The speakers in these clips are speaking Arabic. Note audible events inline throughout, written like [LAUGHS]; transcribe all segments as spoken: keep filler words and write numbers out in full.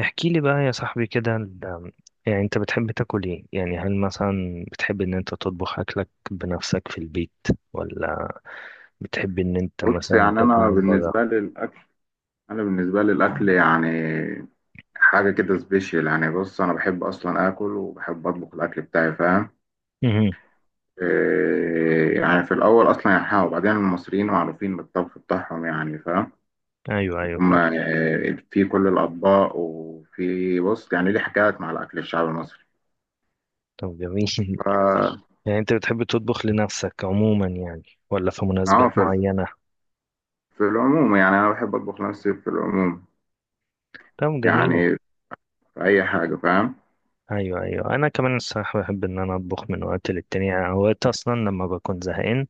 احكي لي بقى يا صاحبي كده ال- يعني انت بتحب تاكل ايه؟ يعني هل مثلا بتحب ان انت تطبخ اكلك بنفسك في البيت ولا بتحب ان انت بص، مثلا يعني تاكل انا من بره؟ بالنسبه لي الاكل انا بالنسبه لي الاكل يعني حاجه كده سبيشال. يعني بص، انا بحب اصلا اكل وبحب اطبخ الاكل بتاعي، فاهم؟ مهم. إيه يعني، في الاول اصلا يعني ها، وبعدين المصريين معروفين بالطبخ بتاعهم يعني، فاهم؟ ايوه ايوه يكون فاهم. ما- إيه، في كل الاطباق، وفي، بص يعني، ليه حكايات مع الاكل الشعبي المصري. طب جميل ف [LAUGHS] يعني انت بتحب تطبخ لنفسك عموما يعني ولا في اه مناسبات في معينة؟ في العموم، يعني انا بحب اطبخ نفسي في العموم، طب جميل. يعني في اي حاجه، فاهم؟ ايوه ايوه، انا كمان الصراحة بحب ان انا اطبخ من وقت للتاني، يعني اوقات اصلا لما بكون زهقان.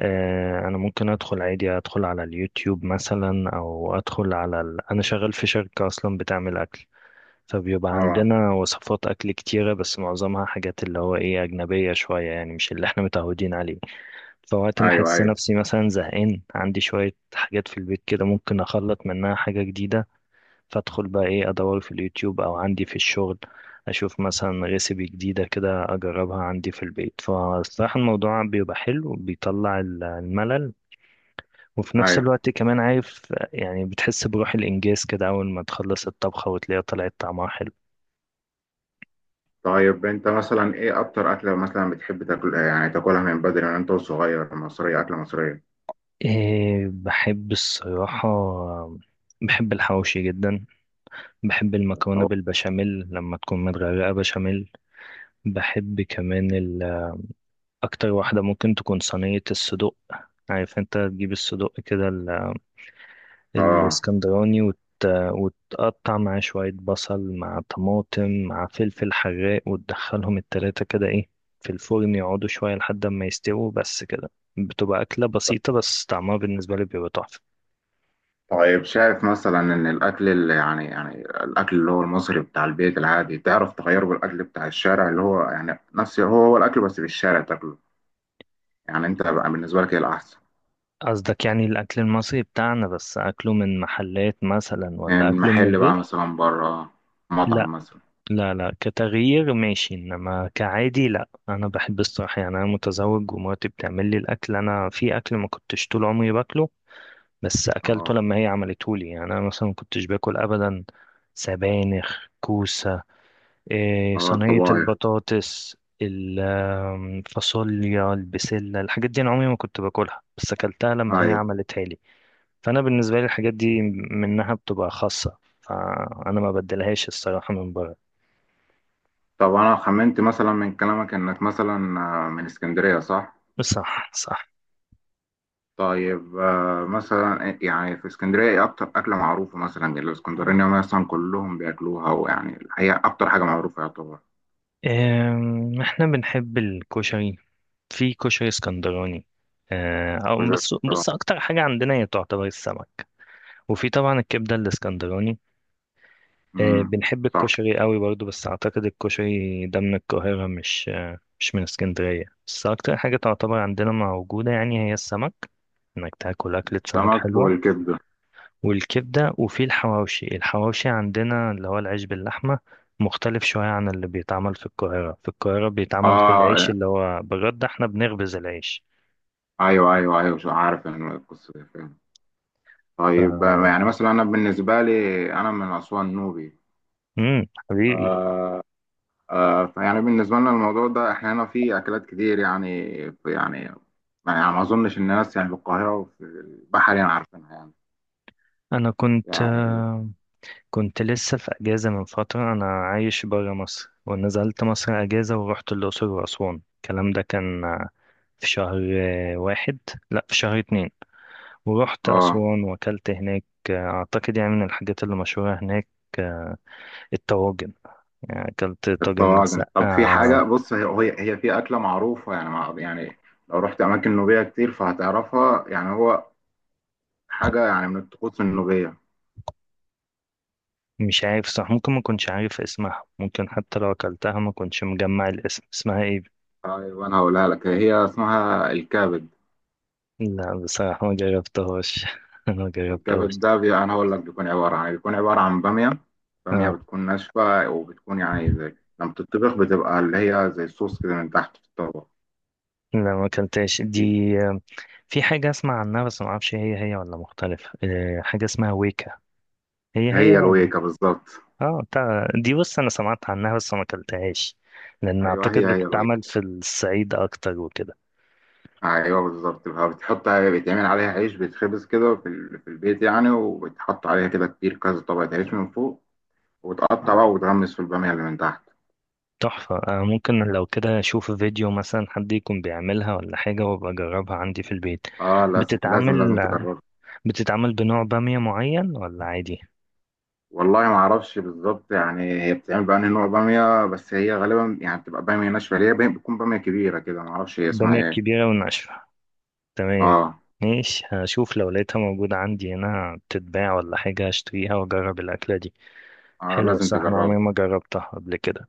آه، انا ممكن ادخل عادي، ادخل على اليوتيوب مثلا او ادخل على ال... انا شغال في شركة اصلا بتعمل اكل، فبيبقى اه، عندنا وصفات اكل كتيرة بس معظمها حاجات اللي هو ايه اجنبية شوية يعني مش اللي احنا متعودين عليه. فوقت ما ايوه احس ايوه نفسي مثلا زهقان عندي شوية حاجات في البيت كده ممكن اخلط منها حاجة جديدة، فادخل بقى ايه ادور في اليوتيوب او عندي في الشغل، اشوف مثلا ريسيبي جديدة كده اجربها عندي في البيت. فصراحة الموضوع بيبقى حلو، بيطلع الملل، وفي نفس ايوه. الوقت كمان عارف يعني بتحس بروح الإنجاز كده أول ما تخلص الطبخة وتلاقيها طلعت طعمها حلو. طيب، انت مثلا ايه اكتر اكله مثلا بتحب تاكل؟ يعني تاكلها من بدري من انت وصغير، مصريه، اكله مصريه. إيه بحب الصراحة، بحب الحواوشي جدا، بحب المكرونة أو- بالبشاميل لما تكون متغرقة بشاميل. بحب كمان ال- أكتر واحدة ممكن تكون صينية الصدوق، عارف أنت تجيب الصدوق كده اه. الاسكندراني وت... وتقطع معاه شوية بصل مع طماطم مع فلفل حراق وتدخلهم التلاتة كده ايه في الفرن، يقعدوا شوية لحد ما يستووا، بس كده. بتبقى أكلة بسيطة بس طعمها بالنسبة لي بيبقى تحفة. طيب، شايف مثلا ان الاكل اللي، يعني، يعني الاكل اللي هو المصري بتاع البيت العادي، تعرف تغيره بالاكل بتاع الشارع، اللي هو يعني نفس هو هو الاكل بس في الشارع تاكله؟ يعني انت بقى بالنسبه لك ايه الاحسن؟ قصدك يعني الأكل المصري بتاعنا بس أكله من محلات مثلا ولا من أكله من محل بقى، البيت؟ مثلا بره، لا مطعم مثلا. لا لا، كتغيير ماشي، إنما كعادي لا. أنا بحب الصراحة يعني أنا متزوج ومراتي بتعمل لي الأكل. أنا في أكل ما كنتش طول عمري باكله بس اكلته اه. لما هي عملته لي. يعني انا مثلا ما كنتش باكل ابدا سبانخ، كوسه، إيه، اه، صينيه الطبايخ. البطاطس، الفاصوليا، البسله، الحاجات دي انا عمري ما كنت باكلها بس اكلتها لما هي ايوه. عملتها لي. فانا بالنسبه لي الحاجات دي منها بتبقى خاصه، فانا ما بدلهاش الصراحه من بره. طب انا خمنت مثلا من كلامك انك مثلا، آه، من اسكندريه، صح؟ صح صح. طيب، آه، مثلا آه، يعني في اسكندرية ايه أكتر أكلة معروفة؟ مثلا الاسكندرانية مثلا كلهم بياكلوها، ويعني هي أكتر حاجة معروفة، يعتبر. إيه احنا بنحب الكشري، في كشري اسكندراني. آه، او كشري بس الاسكندراني. بص اكتر حاجه عندنا هي تعتبر السمك، وفي طبعا الكبدة الاسكندراني. آه، امم. بنحب صح. الكشري قوي برضو بس اعتقد الكشري ده من القاهرة، مش آه، مش من اسكندرية، بس اكتر حاجة تعتبر عندنا موجودة يعني هي السمك، انك تاكل اكلة سمك سمك حلوة. والكبدة. والكبدة، وفي الحواوشي. الحواوشي عندنا اللي هو العيش باللحمة مختلف شوية عن اللي بيتعمل في القاهرة. في القاهرة بيتعمل في العيش، اه، اللي هو بجد احنا بنخبز العيش. ايوه ايوه ايوه، شو عارف إن القصة دي، فاهم. ف... طيب، آه، يعني مثلا أنا بالنسبة لي أنا من أسوان، نوبي. مم، حبيبي. ف آه، فيعني بالنسبة لنا الموضوع ده، احنا هنا في أكلات كتير يعني. يعني، يعني ما أظنش الناس يعني في القاهرة وفي البحر يعني عارفينها يعني، انا كنت يعني. آه، كنت لسه في أجازة من فترة، أنا عايش برا مصر ونزلت مصر أجازة ورحت الأقصر وأسوان، الكلام ده كان آه، في شهر آه، واحد، لأ في شهر اتنين. ورحت اه، أسوان وأكلت هناك. آه، أعتقد يعني من الحاجات اللي مشهورة هناك آه، الطواجن. يعني أكلت طاجن الطواجن. طب في حاجة، مسقعة. بص، هي هي هي في أكلة معروفة يعني، مع يعني، لو رحت أماكن نوبية كتير فهتعرفها، يعني هو حاجة يعني من الطقوس النوبية. مش عارف صح، ممكن ما كنتش عارف اسمها، ممكن حتى لو أكلتها ما كنتش مجمع الاسم اسمها إيه. طيب، أنا هقولها لك، هي اسمها الكبد. لا بصراحة ما جربتهاش [LAUGHS] ما جربتهاش. الكبد ده، بي... أنا هقول لك بيكون عبارة عن إيه. بيكون عبارة عن بامية. بامية آه، بتكون ناشفة، وبتكون يعني زي لما بتطبخ بتبقى اللي هي زي الصوص كده من تحت في الطبق. لا ما كلتهاش دي. في حاجة اسمع عنها بس ما اعرفش هي هي ولا مختلف، آه، حاجة اسمها ويكا. هي هي. هي الويكة بالظبط. اه بتاع دي، بص انا سمعت عنها بس ما اكلتهاش لان أيوه، اعتقد هي هي الويكة. بتتعمل في الصعيد اكتر وكده. ايوه بالظبط، بتحط بيتعمل عليها عيش، بيتخبز كده في, ال... في البيت يعني، وبتحط عليها كده كتير، كذا طبقة عيش من فوق، وتقطع بقى وتغمس في البامية اللي من تحت. تحفة. آه، ممكن لو كده اشوف فيديو مثلا حد يكون بيعملها ولا حاجة وابقى اجربها عندي في البيت. اه، لازم لازم بتتعمل لازم تجربها. بتتعمل بنوع بامية معين ولا عادي؟ والله ما اعرفش بالظبط، يعني هي بتعمل بقى نوع بامية، بس هي غالبا يعني بتبقى بامية ناشفة، اللي هي بي- بتكون بامية كبيرة كده، ما اعرفش هي اسمها بامية ايه. كبيرة وناشفة، تمام. اه ماشي، هشوف لو لقيتها موجودة عندي هنا بتتباع ولا حاجة هشتريها وأجرب الأكلة دي. اه، حلوة لازم الصراحة، أنا تجربها. عمري ما جربتها قبل كده.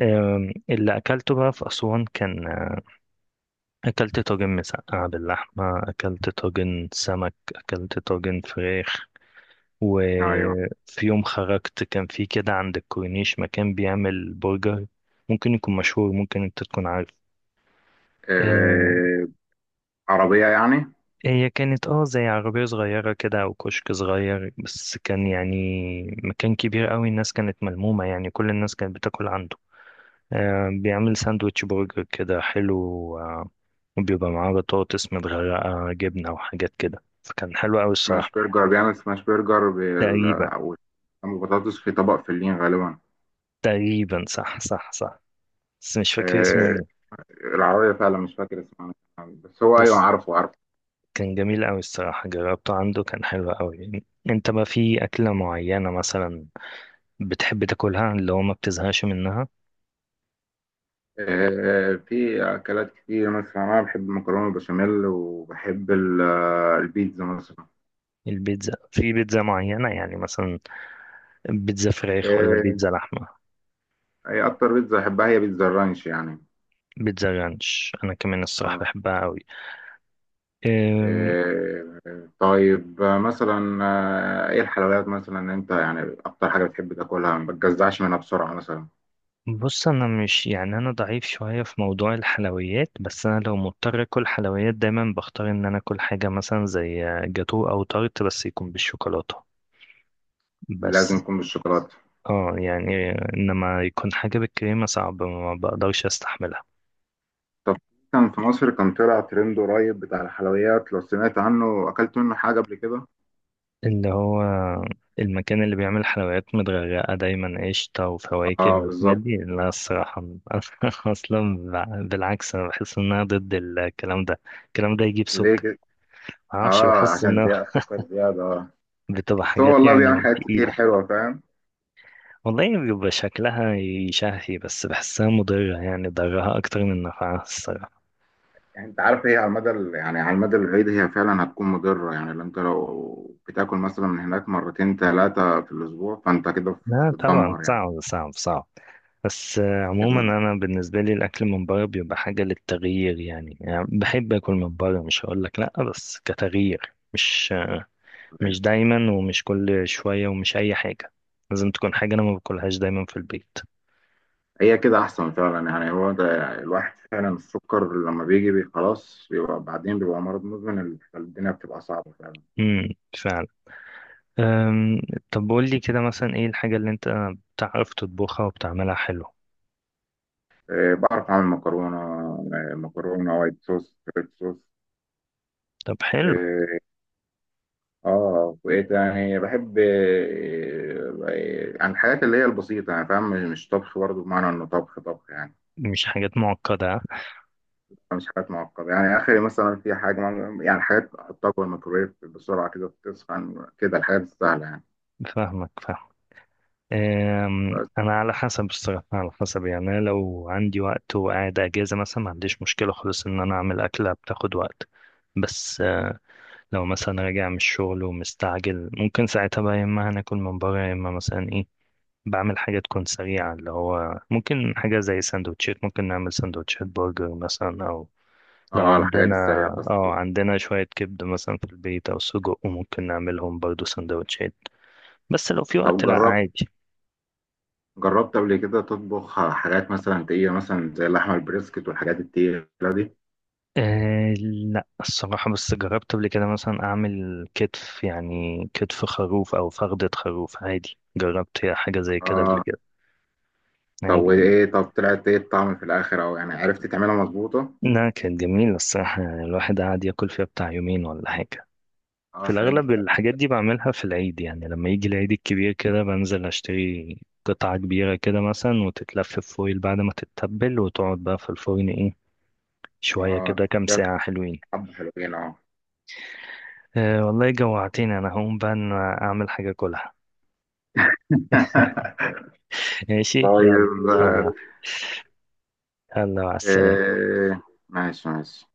أم، اللي أكلته بقى في أسوان كان آه، أكلت طاجن مسقعة باللحمة، أكلت طاجن سمك، أكلت طاجن فراخ. ايوه. وفي يوم خرجت كان في كده عند الكورنيش مكان بيعمل برجر، ممكن يكون مشهور ممكن أنت تكون عارف. آه، آه. عربية يعني. هي كانت اه زي عربية صغيرة كده أو كشك صغير، بس كان يعني مكان كبير قوي، الناس كانت ملمومة يعني، كل الناس كانت بتاكل عنده. آه بيعمل ساندوتش برجر كده حلو، آه، وبيبقى معاه بطاطس متغرقة جبنة وحاجات كده، فكان حلو قوي الصراحة. سماش برجر، بيعمل سماش برجر تقريبا. بال... وبطاطس في طبق فلين غالبا. تقريبا صح صح صح، بس مش فاكر اسمه آه، ايه. العربية فعلا مش فاكر اسمها، بس هو أيوة، بس عارفه عارفه. كان جميل قوي الصراحة، جربته عنده كان حلو قوي. انت بقى في أكلة معينة مثلا بتحب تاكلها اللي هو ما بتزهقش منها؟ آه، في أكلات كتير، مثلا أنا بحب المكرونة البشاميل وبحب ال- آه، البيتزا مثلا. البيتزا، في بيتزا معينة يعني مثلا بيتزا فراخ ولا آه، بيتزا لحمة؟ أي أكتر بيتزا أحبها هي بيتزا الرانش يعني. بيتزا رانش أنا كمان الصراحة آه. بحبها أوي. أم، آه، طيب، آه، مثلا آه، إيه الحلويات مثلا أنت يعني أكتر حاجة بتحب تاكلها ما بتجزعش منها بسرعة مثلا؟ بص أنا مش يعني أنا ضعيف شوية في موضوع الحلويات، بس أنا لو مضطر أكل حلويات دايما بختار إن أنا أكل حاجة مثلا زي جاتو أو تارت بس يكون بالشوكولاتة لازم بس. يكون بالشوكولاتة. اه يعني إنما يكون حاجة بالكريمة صعب ما بقدرش أستحملها. طب كان في مصر كان طلع ترند قريب بتاع الحلويات، لو سمعت عنه أكلت منه حاجة قبل كده؟ اللي هو المكان اللي بيعمل حلويات متغرقة دايما قشطة وفواكه اه والحاجات بالظبط. دي؟ لا الصراحة [LAUGHS] أنا أصلا بع- بالعكس أنا بحس إن أنا ضد الكلام ده، الكلام ده يجيب ليه سكر. كده؟ معرفش اه، بحس عشان إنها زيادة السكر زيادة، اه [LAUGHS] بتبقى بس هو حاجات والله بيعمل يعني حاجات كتير تقيلة. حلوة، فاهم. والله بيبقى شكلها يشهي بس بحسها مضرة، يعني ضرها أكتر من نفعها الصراحة. يعني انت عارف، هي على المدى ال- يعني على المدى البعيد، هي فعلا هتكون مضرة، يعني لو انت لو بتاكل مثلا من هناك مرتين ثلاثة في الأسبوع، فانت كده لا طبعا هتتدمر يعني. صعب صعب صعب. بس آه، عموما كان- انا بالنسبه لي الاكل من بره بيبقى حاجه للتغيير يعني، يعني بحب اكل من بره مش هقول لك لا بس كتغيير، مش آه، مش دايما ومش كل شويه ومش اي حاجه، لازم تكون حاجه انا ما باكلهاش دايما في البيت. هي كده أحسن فعلا، يعني هو ده. الواحد فعلا السكر لما بيجي بي خلاص، بيبقى بعدين، بيبقى مرض مزمن، الدنيا بتبقى صعبة فعلا. امم، فعلا. أم، طب قول لي كده مثلا ايه الحاجه اللي انت بتعرف تطبخها وبتعملها حلو؟ آه، بعرف أعمل مكرونة، آه، مكرونة وايت صوص، ريد صوص. طب حلو. آه، اه، بقيت يعني بحب آه، عن الحاجات اللي هي البسيطة يعني، فاهم. مش طبخ برضه بمعنى انه طبخ طبخ يعني، مش حاجات معقده آه. مش حاجات معقدة يعني اخري، مثلا في حاجة مع- يعني حاجات احطها جوه الميكرويف بسرعة كده تسخن كده، الحاجات السهلة يعني. فاهمك فاهمك. أم، بس. انا على حسب الصراحه، على حسب، يعني أنا لو عندي وقت وقاعد اجازه مثلا ما عنديش مشكله خالص ان انا اعمل اكله بتاخد وقت. بس أه، لو مثلا راجع من الشغل ومستعجل ممكن ساعتها بقى يا اما هناكل من بره يا اما مثلا ايه بعمل حاجه تكون سريعه، اللي هو ممكن حاجه زي سندوتشات، ممكن نعمل سندوتشات برجر مثلا او لو اه، الحاجات عندنا السريعة بس. اه عندنا شويه كبده مثلا في البيت او سجق وممكن نعملهم برضو سندوتشات. بس لو في طب، وقت لا جربت عادي. جربت قبل كده تطبخ حاجات مثلا تقيلة، مثلا زي اللحمة البريسكت والحاجات التقيلة دي؟ أه لا الصراحة، بس جربت قبل كده مثلا أعمل كتف يعني كتف خروف أو فخدة خروف. عادي جربت حاجة زي كده قبل اه. كده، طب عادي يعني. وايه؟ طب طلعت ايه الطعم في الاخر؟ او يعني عرفت تعملها مظبوطة؟ لا كانت جميلة الصراحة، الواحد قعد ياكل فيها بتاع يومين ولا حاجة. اه، في الحاجات الأغلب دي. الحاجات دي بعملها في العيد، يعني لما يجي العيد الكبير كده بنزل أشتري قطعة كبيرة كده مثلا وتتلف في فويل بعد ما تتبل وتقعد بقى في الفرن إيه شوية اه، كده كام ساعة حلوين. حبة حلوين، اه أه والله جوعتني أنا، هقوم بقى أنا أعمل حاجة كلها. [LAUGHS] ماشي يلا. طيب، آه، آه. يلا مع السلامة. آه، ماشي ماشي.